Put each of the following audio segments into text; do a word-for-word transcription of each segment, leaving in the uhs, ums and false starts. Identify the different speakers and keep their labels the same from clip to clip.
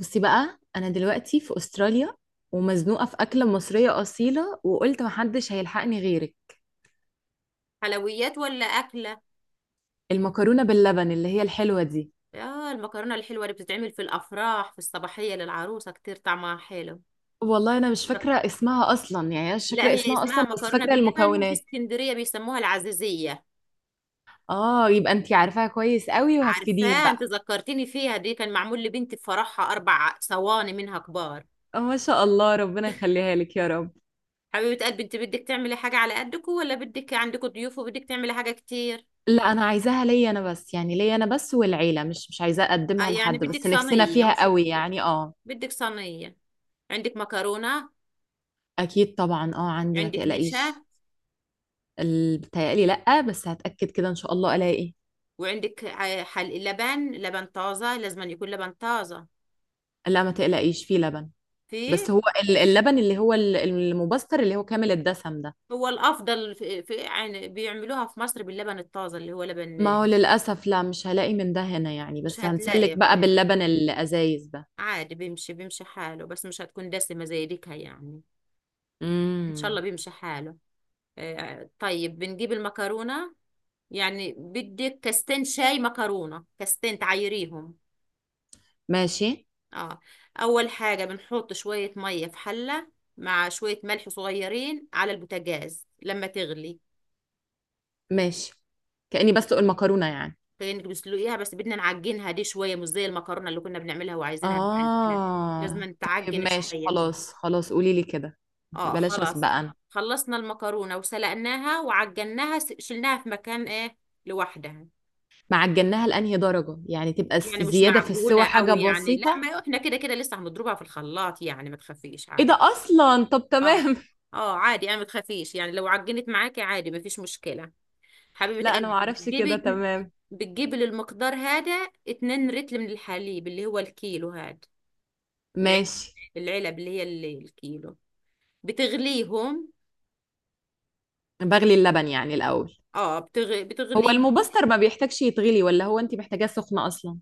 Speaker 1: بصي بقى، انا دلوقتي في استراليا ومزنوقه في اكله مصريه اصيله، وقلت محدش هيلحقني غيرك.
Speaker 2: حلويات ولا أكلة؟
Speaker 1: المكرونه باللبن اللي هي الحلوه دي.
Speaker 2: آه، المكرونة الحلوة اللي بتتعمل في الأفراح في الصباحية للعروسة، كتير طعمها حلو.
Speaker 1: والله انا مش فاكره اسمها اصلا. يعني أنا مش
Speaker 2: لا،
Speaker 1: فاكره
Speaker 2: هي
Speaker 1: اسمها
Speaker 2: اسمها
Speaker 1: اصلا بس
Speaker 2: مكرونة
Speaker 1: فاكره
Speaker 2: باللبن، وفي
Speaker 1: المكونات.
Speaker 2: اسكندرية بيسموها العزيزية.
Speaker 1: اه، يبقى انتي عارفاها كويس قوي وهتفيديني
Speaker 2: عارفاه،
Speaker 1: بقى.
Speaker 2: انت ذكرتني فيها. دي كان معمول لبنتي في فرحها أربع صواني منها كبار.
Speaker 1: آه، ما شاء الله، ربنا يخليها لك يا رب.
Speaker 2: حبيبة قلبي، انت بدك تعملي حاجة على قدكم ولا بدك عندكم ضيوف وبدك تعملي حاجة كتير؟
Speaker 1: لا انا عايزاها ليا انا بس، يعني ليا انا بس والعيله، مش مش عايزاه
Speaker 2: آه،
Speaker 1: اقدمها
Speaker 2: يعني
Speaker 1: لحد،
Speaker 2: بدك
Speaker 1: بس نفسنا
Speaker 2: صينية مش
Speaker 1: فيها قوي
Speaker 2: كتير.
Speaker 1: يعني، اه.
Speaker 2: بدك صينية. عندك مكرونة؟
Speaker 1: اكيد طبعا، اه عندي، ما
Speaker 2: عندك
Speaker 1: تقلقيش.
Speaker 2: نشا؟
Speaker 1: ال- بتهيألي لأ، بس هتأكد كده إن شاء الله ألاقي.
Speaker 2: وعندك ع- حل لبن؟ لبن طازة، لازم أن يكون لبن طازة.
Speaker 1: لا ما تقلقيش، فيه لبن.
Speaker 2: في؟
Speaker 1: بس هو ال- اللبن اللي هو ال- المبستر اللي هو كامل الدسم ده.
Speaker 2: هو الأفضل. في, في يعني بيعملوها في مصر باللبن الطازة اللي هو لبن.
Speaker 1: ما هو للأسف لا، مش هلاقي من ده هنا يعني،
Speaker 2: مش
Speaker 1: بس
Speaker 2: هتلاقي،
Speaker 1: هنسلك
Speaker 2: اه،
Speaker 1: بقى
Speaker 2: لا.
Speaker 1: باللبن الأزايز ده.
Speaker 2: عادي، بيمشي بيمشي حاله، بس مش هتكون دسمة زي ديكها يعني. إن شاء
Speaker 1: امم
Speaker 2: الله بيمشي حاله. آه، طيب بنجيب المكرونة. يعني بدك كاستين شاي مكرونة، كاستين تعيريهم.
Speaker 1: ماشي.
Speaker 2: اه. أول حاجة بنحط شوية مية في حلة مع شوية ملح صغيرين على البوتاجاز لما تغلي.
Speaker 1: ماشي، كأني بسلق المكرونة يعني.
Speaker 2: كأنك بتسلقيها، بس بدنا نعجنها دي شوية، مش زي المكرونة اللي كنا بنعملها وعايزينها مفلفلة. لازم
Speaker 1: آه طيب،
Speaker 2: نتعجن
Speaker 1: ماشي
Speaker 2: شوية هنا.
Speaker 1: خلاص خلاص، قولي لي كده.
Speaker 2: اه
Speaker 1: بلاش أسبق
Speaker 2: خلاص.
Speaker 1: أنا.
Speaker 2: خلصنا المكرونة وسلقناها وعجناها، س- شلناها في مكان ايه، لوحدها.
Speaker 1: معجناها لأنهي درجة يعني؟ تبقى س-
Speaker 2: يعني مش
Speaker 1: زيادة في السوى
Speaker 2: معجونة
Speaker 1: حاجة
Speaker 2: قوي يعني، لا،
Speaker 1: بسيطة.
Speaker 2: ما احنا كده كده لسه هنضربها في الخلاط يعني، ما تخافيش
Speaker 1: ايه ده
Speaker 2: عادي.
Speaker 1: اصلا؟ طب
Speaker 2: اه
Speaker 1: تمام.
Speaker 2: اه، عادي انا، ما تخافيش يعني، لو عجنت معاكي عادي ما فيش مشكلة. حبيبة
Speaker 1: لا انا ما
Speaker 2: قلبي،
Speaker 1: اعرفش،
Speaker 2: بتجيبي
Speaker 1: كده
Speaker 2: اتن-
Speaker 1: تمام.
Speaker 2: بتجيبي للمقدار هذا اتنين رتل من الحليب اللي هو الكيلو هذا،
Speaker 1: ماشي.
Speaker 2: العلب اللي هي اللي الكيلو، بتغليهم.
Speaker 1: بغلي اللبن يعني الاول؟
Speaker 2: اه بتغ...
Speaker 1: هو
Speaker 2: بتغلي.
Speaker 1: المبستر ما بيحتاجش يتغلي، ولا هو انت محتاجاه سخنه اصلا؟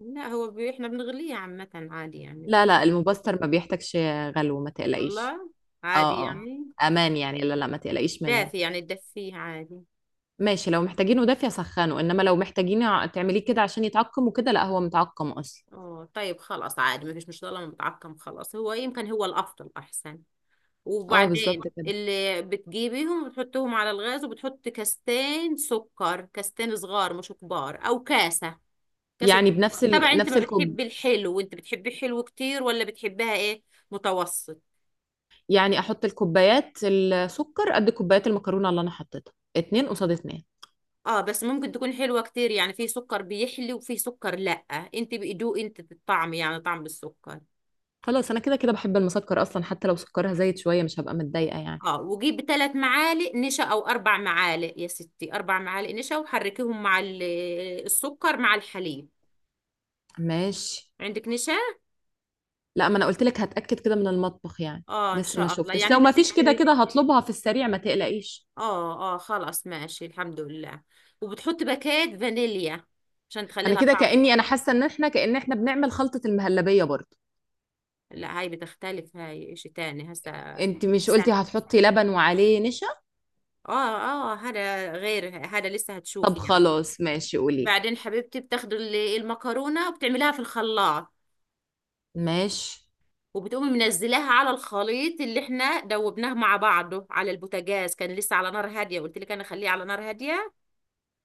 Speaker 2: لا، هو ب... احنا بنغليه عامة عادي يعني.
Speaker 1: لا لا، المبستر ما بيحتاجش. غلو، ما تقلقيش.
Speaker 2: والله عادي
Speaker 1: اه اه.
Speaker 2: يعني.
Speaker 1: امان يعني، لا لا، ما تقلقيش منه.
Speaker 2: دافي يعني، تدفيه عادي.
Speaker 1: ماشي، لو محتاجينه دافي سخنه، انما لو محتاجين ع- تعمليه كده عشان يتعقم وكده، لا هو متعقم اصلا.
Speaker 2: اه طيب خلاص، عادي ما فيش، مش طالما متعقم خلاص، هو يمكن هو الافضل احسن.
Speaker 1: اه بالظبط
Speaker 2: وبعدين
Speaker 1: كده.
Speaker 2: اللي بتجيبيهم بتحطيهم على الغاز، وبتحط كاستين سكر، كاستين صغار مش كبار، او كاسة. كاس
Speaker 1: يعني بنفس
Speaker 2: الدهر.
Speaker 1: ال...
Speaker 2: طبعا انت
Speaker 1: نفس
Speaker 2: ما
Speaker 1: الكوب؟
Speaker 2: بتحبي الحلو، وانت بتحبي الحلو كتير ولا بتحبها ايه، متوسط؟
Speaker 1: يعني احط الكوبايات السكر قد كوبايات المكرونه اللي انا حطيتها، اتنين قصاد اتنين؟
Speaker 2: اه، بس ممكن تكون حلوة كتير يعني، في سكر بيحلي وفي سكر لأ. انت بيدوق انت الطعم يعني، طعم بالسكر.
Speaker 1: خلاص، انا كده كده بحب المسكر اصلا، حتى لو سكرها زايد شويه مش هبقى متضايقه يعني.
Speaker 2: اه، وجيب ثلاث معالق نشا او اربع معالق، يا ستي اربع معالق نشا، وحركيهم مع ال- السكر مع الحليب.
Speaker 1: ماشي.
Speaker 2: عندك نشا؟
Speaker 1: لا، ما انا قلت لك هتاكد كده من المطبخ يعني.
Speaker 2: اه ان
Speaker 1: لسه ما
Speaker 2: شاء الله
Speaker 1: شفتش،
Speaker 2: يعني،
Speaker 1: لو
Speaker 2: انت
Speaker 1: ما فيش كده
Speaker 2: بتكتبي.
Speaker 1: كده هطلبها في السريع، ما تقلقيش.
Speaker 2: اه اه خلاص ماشي الحمد لله. وبتحط باكات فانيليا عشان تخلي
Speaker 1: انا
Speaker 2: لها
Speaker 1: كده
Speaker 2: طعم.
Speaker 1: كاني انا حاسه ان احنا كان احنا بنعمل خلطه المهلبيه برضو.
Speaker 2: لا، هاي بتختلف، هاي اشي تاني هسا.
Speaker 1: انت مش قلتي
Speaker 2: هسا-
Speaker 1: هتحطي لبن وعليه نشا؟
Speaker 2: اه اه، هذا غير هذا، لسه هتشوف
Speaker 1: طب
Speaker 2: يعني.
Speaker 1: خلاص ماشي، قولي لي.
Speaker 2: بعدين حبيبتي بتاخدي ال- المكرونة وبتعمليها في الخلاط،
Speaker 1: ماشي.
Speaker 2: وبتقومي منزلاها على الخليط اللي احنا دوبناه مع بعضه على البوتاجاز، كان لسه على نار هادية، قلت لك انا خليه على نار هادية.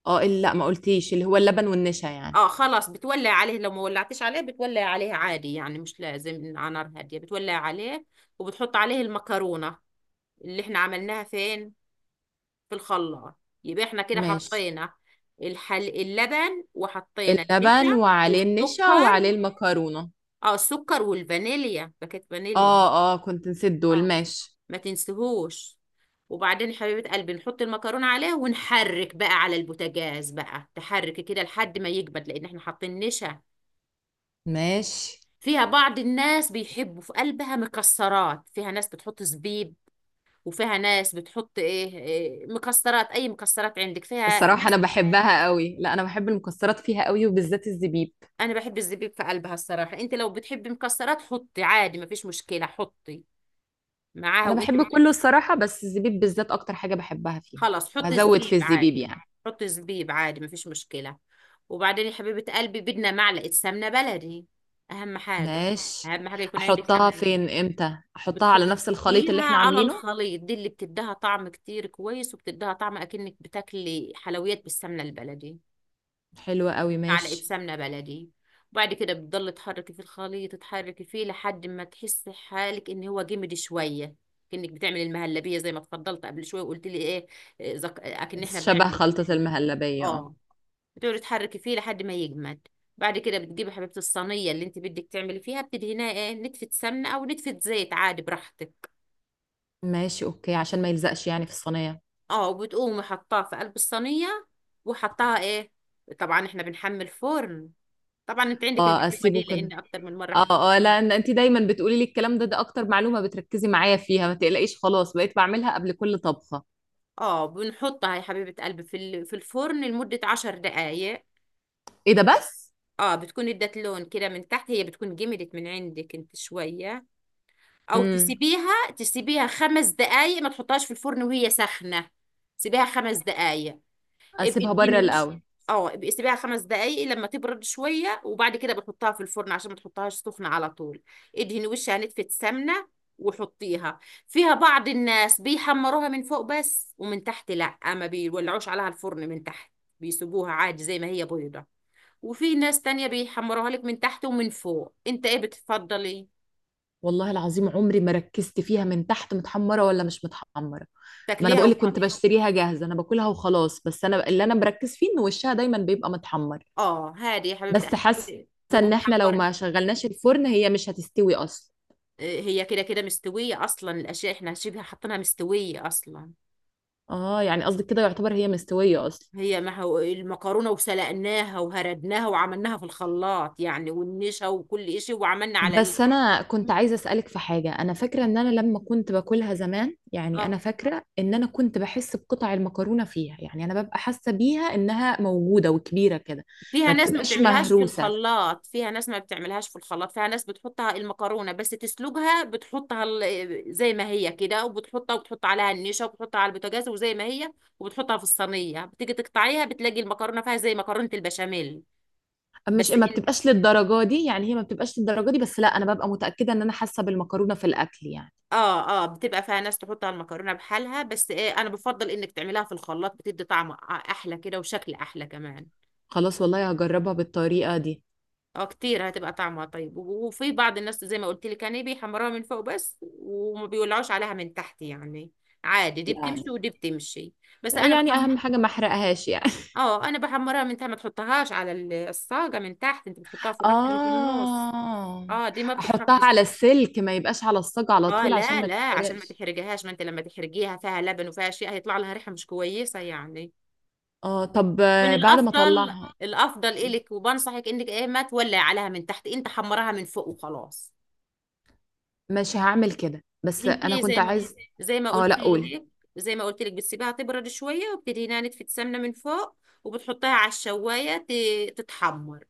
Speaker 1: اه ال- لا، ما قلتيش اللي هو اللبن والنشا يعني.
Speaker 2: اه خلاص، بتولع عليه، لو ما ولعتش عليه بتولع عليه عادي يعني، مش لازم على نار هادية، بتولع عليه وبتحط عليه المكرونة اللي احنا عملناها فين، في الخلاط. يبقى احنا كده
Speaker 1: ماشي.
Speaker 2: حطينا الحل... اللبن، وحطينا
Speaker 1: اللبن
Speaker 2: النشا
Speaker 1: وعليه النشا وعليه
Speaker 2: والسكر.
Speaker 1: المكرونه.
Speaker 2: اه، السكر والفانيليا، باكيت فانيليا.
Speaker 1: اه اه، كنت نسيت
Speaker 2: اه،
Speaker 1: دول. ماشي.
Speaker 2: ما تنسيهوش. وبعدين يا حبيبة قلبي نحط المكرونة عليه، ونحرك بقى على البوتاجاز، بقى تحرك كده لحد ما يجمد لأن احنا حاطين نشا
Speaker 1: ماشي.
Speaker 2: فيها. بعض الناس بيحبوا في قلبها مكسرات، فيها ناس بتحط زبيب، وفيها ناس بتحط ايه, إيه مكسرات، اي مكسرات عندك، فيها
Speaker 1: الصراحة أنا
Speaker 2: ناس.
Speaker 1: بحبها قوي، لا أنا بحب المكسرات فيها قوي، وبالذات الزبيب.
Speaker 2: انا بحب الزبيب في قلبها الصراحه. انت لو بتحبي مكسرات حطي عادي مفيش مشكله، حطي معاها
Speaker 1: أنا
Speaker 2: وانت
Speaker 1: بحب كله
Speaker 2: بتحبي.
Speaker 1: الصراحة، بس الزبيب بالذات أكتر حاجة بحبها فيهم.
Speaker 2: خلاص حطي
Speaker 1: هزود
Speaker 2: زبيب
Speaker 1: في الزبيب
Speaker 2: عادي.
Speaker 1: يعني؟
Speaker 2: حطي زبيب عادي مفيش مشكله. وبعدين يا حبيبه قلبي بدنا معلقه سمنه بلدي. اهم حاجه،
Speaker 1: ماشي.
Speaker 2: اهم حاجه يكون عندك
Speaker 1: أحطها
Speaker 2: سمنه بلدي.
Speaker 1: فين؟ إمتى أحطها؟ على نفس الخليط اللي
Speaker 2: بتحطيها
Speaker 1: إحنا
Speaker 2: على
Speaker 1: عاملينه؟
Speaker 2: الخليط، دي اللي بتديها طعم كتير كويس، وبتديها طعم اكنك بتاكلي حلويات بالسمنه البلدي.
Speaker 1: حلوة قوي.
Speaker 2: معلقة
Speaker 1: ماشي.
Speaker 2: سمنة بلدي. وبعد كده بتضل تحركي في الخليط، تحركي فيه لحد ما تحسي حالك ان هو جمد شوية، كأنك بتعمل المهلبية. زي ما اتفضلت قبل شوية وقلت لي ايه، إيه، زك... آه، اكن احنا بنعمل
Speaker 1: شبه خلطة
Speaker 2: المهلبية.
Speaker 1: المهلبية، اه.
Speaker 2: اه، بتقعدي تحركي فيه لحد ما يجمد. بعد كده بتجيبي حبيبة الصينية اللي انت بدك تعملي فيها، بتدهنيها ايه، نتفة سمنة او نتفة زيت، عادي براحتك.
Speaker 1: ماشي أوكي، عشان ما يلزقش يعني في الصينية.
Speaker 2: اه، وبتقومي حطاها في قلب الصينية، وحطاها ايه، طبعا احنا بنحمل فرن. طبعا انت عندك
Speaker 1: اه،
Speaker 2: المعلومه دي
Speaker 1: أسيبه كده.
Speaker 2: لان اكتر من مره حكيت لك
Speaker 1: اه اه، لا
Speaker 2: عنها.
Speaker 1: إن انت دايما بتقولي لي الكلام ده، ده اكتر معلومه بتركزي معايا فيها، ما تقلقيش خلاص، بقيت بعملها قبل كل طبخه.
Speaker 2: اه، بنحطها يا حبيبه قلبي في ال- في الفرن لمده عشر دقائق.
Speaker 1: ايه ده بس؟
Speaker 2: اه، بتكون ادت لون كده من تحت، هي بتكون جمدت من عندك انت شويه. او
Speaker 1: امم
Speaker 2: تسيبيها، تسيبيها خمس دقائق، ما تحطهاش في الفرن وهي سخنه. سيبيها خمس دقائق. ابقي
Speaker 1: اسيبها
Speaker 2: ادهني
Speaker 1: بره
Speaker 2: وش.
Speaker 1: الاول.
Speaker 2: اه ابقي سيبيها خمس دقايق لما تبرد شويه، وبعد كده بتحطها في الفرن عشان ما تحطهاش سخنه على طول. ادهني وشها نتفة سمنه وحطيها فيها. بعض الناس بيحمروها من فوق بس، ومن تحت لا، ما بيولعوش عليها الفرن من تحت، بيسيبوها عادي زي ما هي بيضة. وفي ناس تانية بيحمروها لك من تحت ومن فوق. انت ايه بتفضلي،
Speaker 1: والله العظيم عمري ما ركزت فيها من تحت متحمره ولا مش متحمره. ما انا
Speaker 2: تاكليها
Speaker 1: بقول لك
Speaker 2: وخلاص؟
Speaker 1: كنت بشتريها جاهزه، انا باكلها وخلاص، بس انا اللي انا مركز فيه ان وشها دايما بيبقى متحمر.
Speaker 2: اه، هادي يا حبيبتي
Speaker 1: بس
Speaker 2: احب،
Speaker 1: حاسه
Speaker 2: بيبقوا
Speaker 1: ان احنا لو
Speaker 2: محمر.
Speaker 1: ما شغلناش الفرن هي مش هتستوي اصلا.
Speaker 2: آه، هي كده كده مستوية أصلا، الأشياء إحنا شبه حاطينها مستوية أصلا.
Speaker 1: اه، يعني قصدك كده يعتبر هي مستويه اصلا.
Speaker 2: هي ما هو المكرونة وسلقناها وهردناها وعملناها في الخلاط يعني، والنشا وكل شيء، وعملنا على ال...
Speaker 1: بس انا كنت عايزه اسالك في حاجه، انا فاكره ان انا لما كنت باكلها زمان يعني،
Speaker 2: اه.
Speaker 1: انا فاكره ان انا كنت بحس بقطع المكرونه فيها يعني، انا ببقى حاسه بيها انها موجوده وكبيره كده.
Speaker 2: فيها
Speaker 1: ما
Speaker 2: ناس ما
Speaker 1: بتبقاش
Speaker 2: بتعملهاش في
Speaker 1: مهروسه؟
Speaker 2: الخلاط، فيها ناس ما بتعملهاش في الخلاط فيها ناس بتحطها المكرونة بس تسلقها، بتحطها ال- زي ما هي كده، وبتحطها وبتحط عليها النشا وبتحطها على البوتاجاز وزي ما هي، وبتحطها في الصينية، بتيجي تقطعيها بتلاقي المكرونة فيها زي مكرونة البشاميل.
Speaker 1: مش
Speaker 2: بس،
Speaker 1: ما بتبقاش للدرجه دي يعني، هي ما بتبقاش للدرجه دي، بس لا انا ببقى متاكده ان انا حاسه بالمكرونه في الاكل يعني.
Speaker 2: اه اه، بتبقى فيها ناس تحط على المكرونه بحالها، بس إيه، انا بفضل انك تعمليها في الخلاط، بتدي طعم احلى كده وشكل احلى كمان.
Speaker 1: خلاص والله هجربها بالطريقه دي.
Speaker 2: اه كتير، هتبقى طعمها طيب، و- وفي بعض الناس زي ما قلت لك يعني بيحمروها من فوق بس، وما بيولعوش عليها من تحت يعني، عادي، دي
Speaker 1: لا
Speaker 2: بتمشي ودي بتمشي. بس انا
Speaker 1: يعني
Speaker 2: بحم
Speaker 1: اهم حاجه ما احرقهاش يعني.
Speaker 2: اه، انا بحمرها من تحت، ما تحطهاش على ال- الصاجه من تحت، انت بتحطها في الرف اللي في النص.
Speaker 1: اه.
Speaker 2: اه، دي ما
Speaker 1: احطها
Speaker 2: بتتحطش.
Speaker 1: على السلك، ما يبقاش على الصاج على
Speaker 2: اه
Speaker 1: طول عشان
Speaker 2: لا
Speaker 1: ما
Speaker 2: لا، عشان ما
Speaker 1: تتحرقش.
Speaker 2: تحرجهاش، ما انت لما تحرجيها فيها لبن وفيها شيء هيطلع لها ريحه مش كويسه يعني.
Speaker 1: اه طب
Speaker 2: كان
Speaker 1: آه، بعد ما
Speaker 2: الافضل،
Speaker 1: اطلعها.
Speaker 2: الافضل الك، وبنصحك انك ايه، ما تولعي عليها من تحت، انت حمرها من فوق وخلاص.
Speaker 1: ماشي هعمل كده، بس
Speaker 2: انت
Speaker 1: انا كنت
Speaker 2: زي ما قلت،
Speaker 1: عايز.
Speaker 2: زي ما
Speaker 1: اه
Speaker 2: قلت
Speaker 1: لا، قولي.
Speaker 2: لك زي ما قلت لك بتسيبها تبرد شويه، وبتدهنها نتفه سمنه من فوق، وبتحطها على الشوايه ت- تتحمر.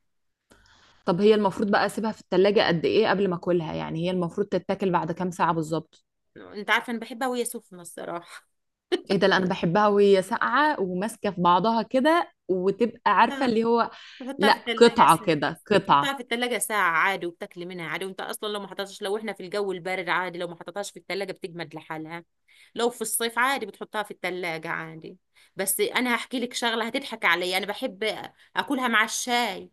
Speaker 1: طب هي المفروض بقى اسيبها في التلاجة قد ايه قبل ما اكلها يعني؟ هي المفروض تتاكل بعد كام ساعة بالظبط؟
Speaker 2: انت عارفه انا بحبها وهي سخنه الصراحه.
Speaker 1: ايه ده؟ لا انا بحبها وهي ساقعة وماسكة في بعضها كده، وتبقى عارفة
Speaker 2: لا،
Speaker 1: اللي هو.
Speaker 2: تحطها
Speaker 1: لا،
Speaker 2: في الثلاجة
Speaker 1: قطعة
Speaker 2: ساعة.
Speaker 1: كده قطعة.
Speaker 2: بتحطها في الثلاجة ساعة عادي، وبتاكلي منها عادي. وانت اصلا لو ما حطيتهاش، لو احنا في الجو البارد عادي، لو ما حطيتهاش في الثلاجة بتجمد لحالها. لو في الصيف عادي بتحطها في الثلاجة عادي. بس انا هحكي لك شغلة هتضحك عليا، انا بحب اكلها مع الشاي.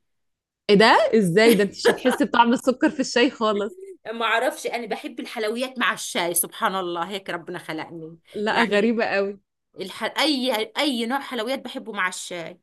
Speaker 1: ايه ده، ازاي ده؟ انت مش هتحسي بطعم السكر في الشاي خالص.
Speaker 2: ما اعرفش، انا بحب الحلويات مع الشاي، سبحان الله هيك ربنا خلقني
Speaker 1: لا
Speaker 2: يعني.
Speaker 1: غريبة قوي.
Speaker 2: الح... اي اي نوع حلويات بحبه مع الشاي.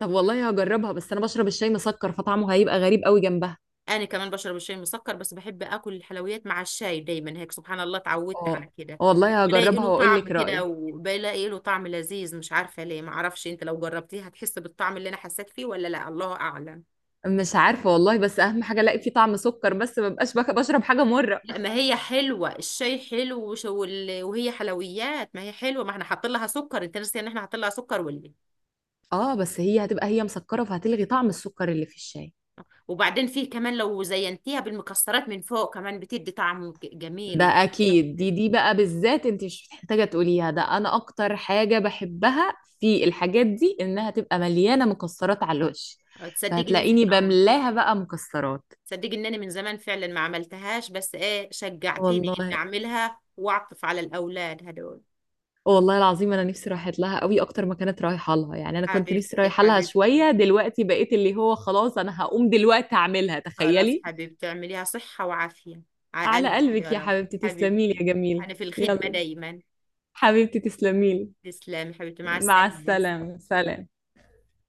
Speaker 1: طب والله هجربها، بس انا بشرب الشاي مسكر فطعمه هيبقى غريب قوي جنبها.
Speaker 2: انا كمان بشرب الشاي مسكر، بس بحب اكل الحلويات مع الشاي دايما، هيك سبحان الله اتعودت على
Speaker 1: اه.
Speaker 2: كده.
Speaker 1: والله
Speaker 2: بلاقي
Speaker 1: هجربها
Speaker 2: له
Speaker 1: واقول
Speaker 2: طعم
Speaker 1: لك
Speaker 2: كده،
Speaker 1: رأيي.
Speaker 2: وبلاقي له طعم لذيذ، مش عارفه ليه، ما اعرفش، انت لو جربتيه هتحس بالطعم اللي انا حسيت فيه ولا لا، الله اعلم.
Speaker 1: مش عارفة والله، بس أهم حاجة ألاقي فيه طعم سكر، بس ما بقاش بك- بشرب حاجة مرة.
Speaker 2: لا، ما هي حلوه، الشاي حلو وش- وال- وهي حلويات، ما هي حلوه، ما احنا حاطين لها سكر، انت ناسي ان احنا حاطين لها سكر ولا إيه؟
Speaker 1: اه بس هي هتبقى هي مسكرة فهتلغي طعم السكر اللي في الشاي.
Speaker 2: وبعدين فيه كمان لو زينتيها بالمكسرات من فوق كمان بتدي طعم ج-
Speaker 1: ده
Speaker 2: جميل.
Speaker 1: أكيد، دي دي بقى بالذات أنت مش محتاجة تقوليها، ده أنا أكتر حاجة بحبها في الحاجات دي، إنها تبقى مليانة مكسرات على الوش.
Speaker 2: وتتصدقي ان
Speaker 1: فهتلاقيني
Speaker 2: اه،
Speaker 1: بملاها بقى مكسرات.
Speaker 2: صدقي ان انا من زمان فعلا ما عملتهاش، بس ايه، شجعتيني ان
Speaker 1: والله،
Speaker 2: اعملها واعطف على الاولاد هدول.
Speaker 1: والله العظيم انا نفسي رايحه لها قوي اكتر ما كانت رايحه لها يعني، انا كنت نفسي
Speaker 2: حبيبتي
Speaker 1: رايحه لها
Speaker 2: حبيبتي،
Speaker 1: شويه، دلوقتي بقيت اللي هو خلاص انا هقوم دلوقتي اعملها،
Speaker 2: خلاص
Speaker 1: تخيلي.
Speaker 2: حبيبتي اعمليها صحة وعافية على
Speaker 1: على
Speaker 2: قلبك يا
Speaker 1: قلبك يا
Speaker 2: رب.
Speaker 1: حبيبتي، تسلمي لي
Speaker 2: حبيبتي،
Speaker 1: يا جميل.
Speaker 2: انا في الخدمة
Speaker 1: يلا،
Speaker 2: دايما.
Speaker 1: حبيبتي تسلمي لي.
Speaker 2: تسلمي حبيبتي، مع
Speaker 1: مع
Speaker 2: السلامة.
Speaker 1: السلامة، سلام.